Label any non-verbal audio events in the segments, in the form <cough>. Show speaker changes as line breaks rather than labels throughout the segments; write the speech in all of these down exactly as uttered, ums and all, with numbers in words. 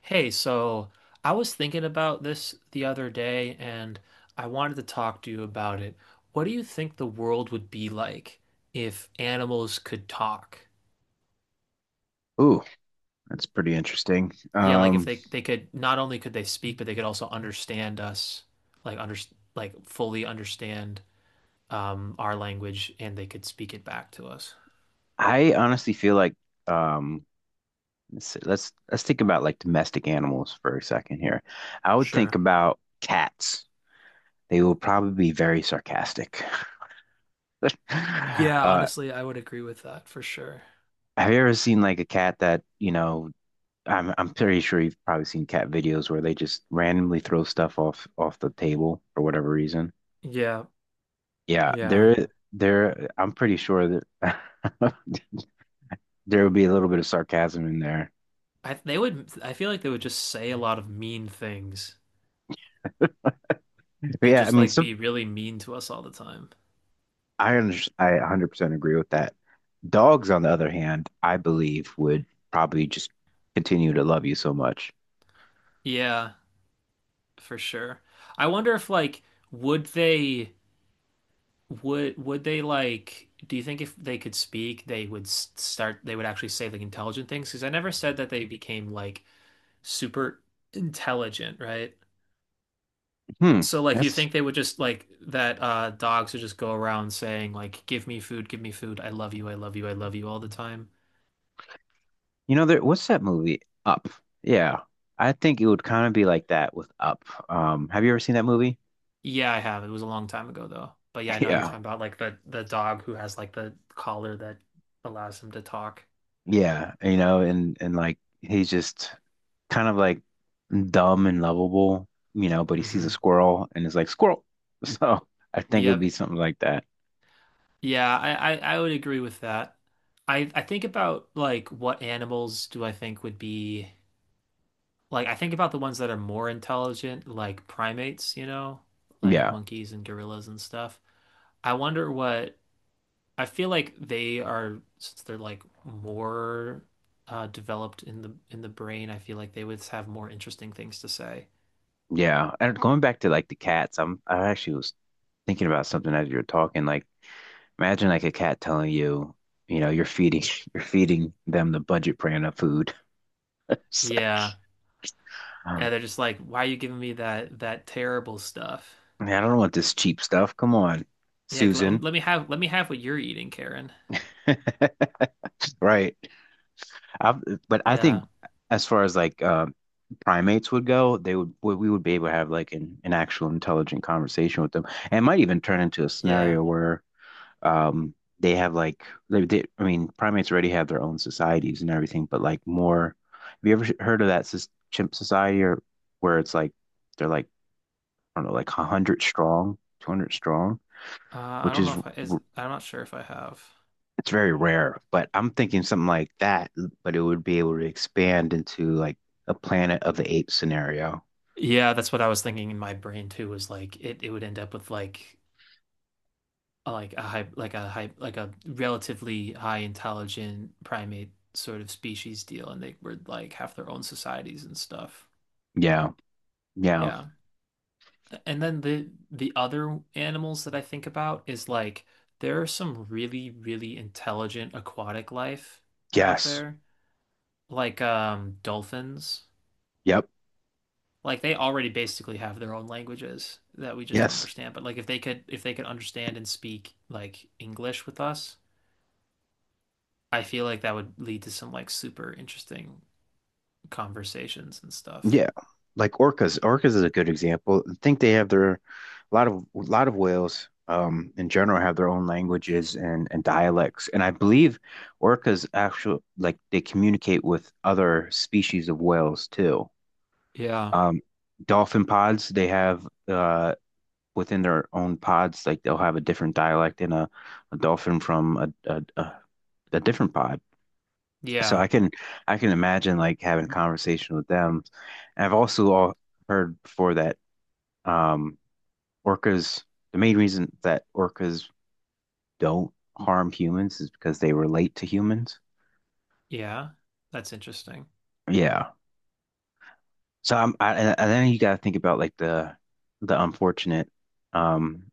Hey, so I was thinking about this the other day and I wanted to talk to you about it. What do you think the world would be like if animals could talk?
Ooh, that's pretty interesting.
Yeah, like if
Um,
they they could not only could they speak, but they could also understand us, like under like fully understand um our language and they could speak it back to us.
I honestly feel like um, let's see- let's let's think about like domestic animals for a second here. I would think
Sure.
about cats. They will probably be very sarcastic. <laughs>
Yeah,
Uh,
honestly, I would agree with that for sure.
have you ever seen like a cat that, you know, I'm I'm pretty sure you've probably seen cat videos where they just randomly throw stuff off off the table for whatever reason.
Yeah,
Yeah,
yeah.
there there I'm pretty sure that <laughs> there would be a little bit of sarcasm in there.
I they would I feel like they would just say a lot of mean things,
But
and
yeah, I
just
mean,
like
some
be really mean to us all the time.
I under I one hundred percent agree with that. Dogs, on the other hand, I believe would probably just continue to love you so much.
Yeah, for sure. I wonder if like would they would would they like do you think if they could speak they would s- start they would actually say like intelligent things? Because I never said that they became like super intelligent, right?
Hmm.
So like you
That's,
think they would just like that uh dogs would just go around saying like give me food, give me food, I love you, I love you, I love you all the time?
you know, there, What's that movie? Up. Yeah. I think it would kind of be like that with Up. Um, have you ever seen that movie?
Yeah, I have. It was a long time ago though. But yeah, I
<laughs>
know you're
Yeah.
talking about like the the dog who has like the collar that allows him to talk.
Yeah. You know, and and like he's just kind of like dumb and lovable, you know, but he sees a
Hmm.
squirrel and is like, squirrel. <laughs> So I think it would
Yep.
be something like that.
Yeah, I, I I would agree with that. I I think about like what animals do I think would be like I think about the ones that are more intelligent, like primates, you know, like
Yeah,
monkeys and gorillas and stuff. I wonder what I feel like they are since they're like more uh developed in the in the brain. I feel like they would have more interesting things to say.
yeah. And going back to like the cats, I'm I actually was thinking about something as you were talking. Like, imagine like a cat telling you, you know, you're feeding <laughs> you're feeding them the budget brand of food. <laughs> It's like,
Yeah. Yeah,
um,
they're just like, why are you giving me that that terrible stuff?
man, I don't want this cheap stuff. Come on,
Yeah, let,
Susan.
let me have let me have what you're eating, Karen.
<laughs> Right. I but I think
Yeah.
as far as like uh, primates would go, they would we we would be able to have like an, an actual intelligent conversation with them. And it might even turn into a
Yeah.
scenario where Um, they have like they, they I mean, primates already have their own societies and everything, but like more. Have you ever heard of that sus- chimp society or where it's like they're like I don't know, like one hundred strong, two hundred strong,
Uh, I
which
don't know
is
if I is
r-
I'm not sure if I have.
it's very rare. But I'm thinking something like that, but it would be able to expand into like a Planet of the Apes scenario.
Yeah, that's what I was thinking in my brain too, was like it, it would end up with like like a high, like a high, like a relatively high intelligent primate sort of species deal, and they were like have their own societies and stuff.
Yeah, yeah,
Yeah. And then the the other animals that I think about is like there are some really, really intelligent aquatic life out
yes,
there, like um dolphins.
yep,
Like they already basically have their own languages that we just don't
yes.
understand. But like if they could if they could understand and speak like English with us I feel like that would lead to some like super interesting conversations and stuff.
Yeah, like orcas. Orcas is a good example. I think they have their a lot of a lot of whales um in general have their own languages and and dialects. And I believe orcas actually like they communicate with other species of whales too.
Yeah.
Um, dolphin pods they have uh within their own pods like they'll have a different dialect in a, a dolphin from a, a a a different pod. So
Yeah.
I can I can imagine like having a conversation with them. And I've also all heard before that um, orcas, the main reason that orcas don't harm humans is because they relate to humans.
Yeah. That's interesting.
Yeah. So I'm, I, and and then you got to think about like the the unfortunate um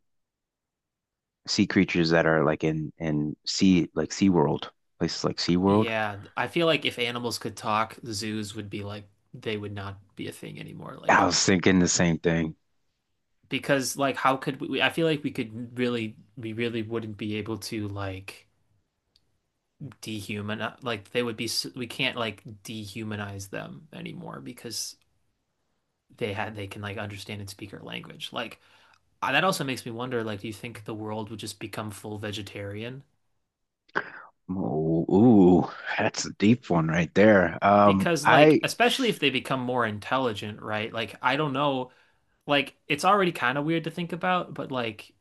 sea creatures that are like in in sea like Sea World, places like Sea World.
Yeah. I feel like if animals could talk, zoos would be like, they would not be a thing anymore. Like,
I was thinking the same thing.
because like, how could we? I feel like we could really, we really wouldn't be able to like dehumanize, like, they would be, we can't like dehumanize them anymore because they had, they can like understand and speak our language. Like, Uh, that also makes me wonder, like, do you think the world would just become full vegetarian?
Ooh, ooh, that's a deep one right there. Um,
Because, like,
I
especially if they become more intelligent, right? Like, I don't know, like, it's already kind of weird to think about, but like,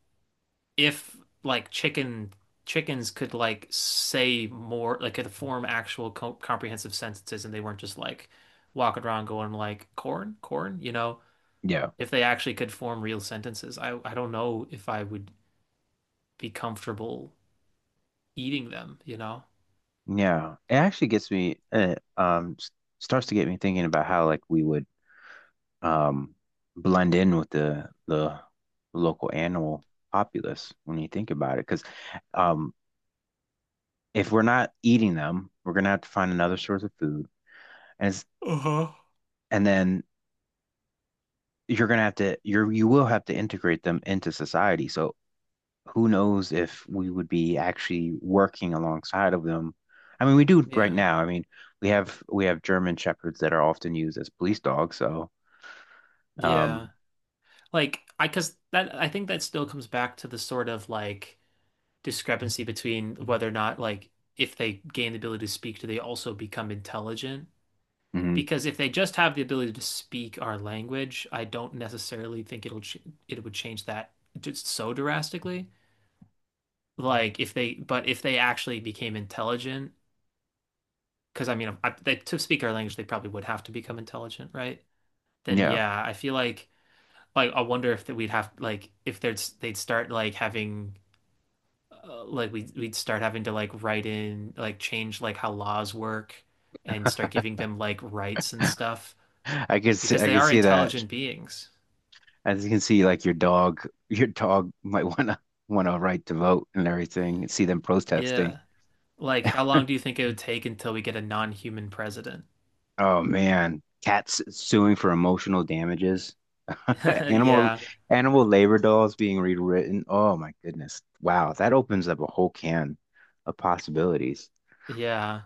if like chicken chickens could like say more, like, could form actual co comprehensive sentences, and they weren't just like walking around going like corn, corn, you know?
yeah,
If they actually could form real sentences, I I don't know if I would be comfortable eating them, you know?
yeah. It actually gets me uh, um s- starts to get me thinking about how like we would um, blend in with the the local animal populace when you think about it. Because um, if we're not eating them, we're gonna have to find another source of food, and it's,
Uh-huh.
and then you're gonna have to you're you will have to integrate them into society. So who knows if we would be actually working alongside of them? I mean, we do right
Yeah.
now. I mean, we have we have German shepherds that are often used as police dogs. So,
Yeah.
um,
Like I cuz that I think that still comes back to the sort of like discrepancy between whether or not like if they gain the ability to speak, do they also become intelligent?
mhm,
Because if they just have the ability to speak our language, I don't necessarily think it'll ch it would change that just so drastically. Like if they but if they actually became intelligent, because I mean I, they, to speak our language, they probably would have to become intelligent, right? Then
yeah,
yeah, I feel like Like, I wonder if that we'd have like if there's they'd start like having uh, like we we'd start having to like write in like change like how laws work and start giving them like rights and stuff
I could see,
because
I
they
could
are
see that.
intelligent beings.
As you can see, like your dog, <laughs> your dog might wanna want a right to vote and everything. See them protesting.
Yeah. Like, how long do you think it would take until we get a non-human president?
Oh man, cats suing for emotional damages. <laughs>
<laughs>
Animal
Yeah.
animal labor laws being rewritten. Oh my goodness. Wow, that opens up a whole can of possibilities.
Yeah.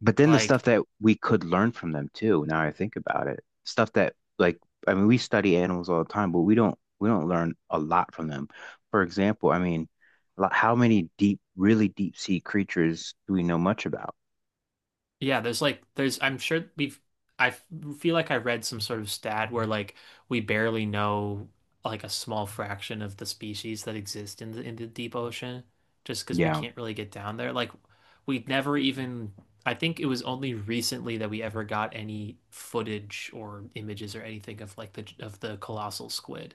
But then the stuff
Like
that we could learn from them too, now I think about it, stuff that like I mean we study animals all the time, but we don't we don't learn a lot from them. For example, I mean, lo- how many deep, really deep sea creatures do we know much about?
Yeah, there's like there's I'm sure we've I f- feel like I read some sort of stat where like we barely know like a small fraction of the species that exist in the in the deep ocean just because we
Yeah.
can't really get down there. Like we never even I think it was only recently that we ever got any footage or images or anything of like the of the colossal squid.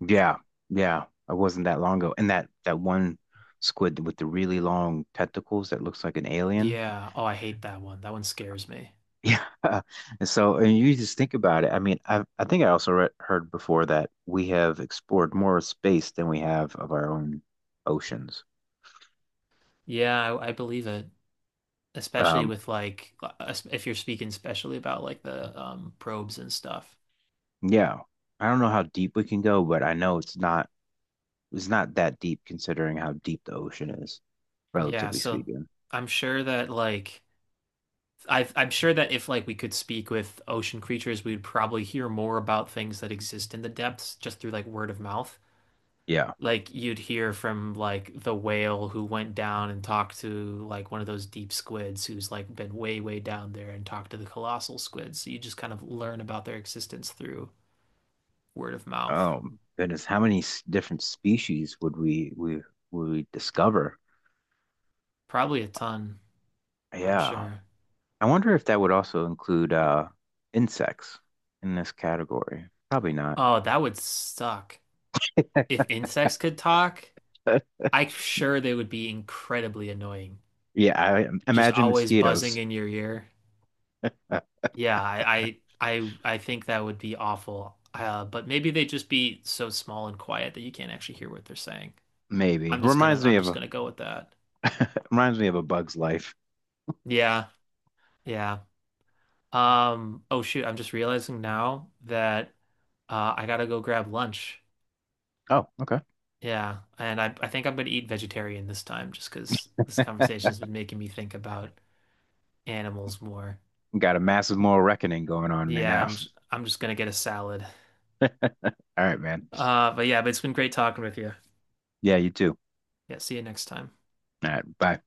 Yeah. Yeah. It wasn't that long ago. And that that one squid with the really long tentacles that looks like an alien.
Yeah. Oh, I hate that one. That one scares me.
Yeah. <laughs> And so, and you just think about it. I mean, I I think I also read, heard before that we have explored more space than we have of our own oceans.
Yeah, I, I believe it, especially
Um,
with like if you're speaking especially about like the um probes and stuff.
yeah. I don't know how deep we can go, but I know it's not it's not that deep considering how deep the ocean is,
Yeah,
relatively
so
speaking.
I'm sure that like I I'm sure that if like we could speak with ocean creatures, we'd probably hear more about things that exist in the depths just through like word of mouth.
Yeah.
Like you'd hear from like the whale who went down and talked to like one of those deep squids who's like been way, way down there and talked to the colossal squids. So you just kind of learn about their existence through word of mouth.
Um, goodness, how many s- different species would we we would we discover?
Probably a ton, I'm
Yeah.
sure.
I wonder if that would also include uh insects in this category. Probably not.
Oh, that would suck. If insects could talk,
<laughs>
I'm sure they would be incredibly annoying.
Yeah, I
Just
imagine
always buzzing
mosquitoes.
in your ear.
Uh,
Yeah, I I I, I think that would be awful. Uh, but maybe they'd just be so small and quiet that you can't actually hear what they're saying.
maybe
I'm just gonna
reminds me
I'm
of
just
a
gonna go with that.
Reminds me of a bug's life.
Yeah, yeah. Um, oh shoot, I'm just realizing now that uh, I gotta go grab lunch.
Oh, okay.
Yeah, and I I think I'm gonna eat vegetarian this time just because this
<laughs>
conversation's been making me think about animals more.
Got a massive moral reckoning going on right
Yeah,
now.
I'm j I'm just gonna get a salad.
All right, man.
Uh, but Yeah, but it's been great talking with you.
Yeah, you too.
Yeah, see you next time.
All right, bye.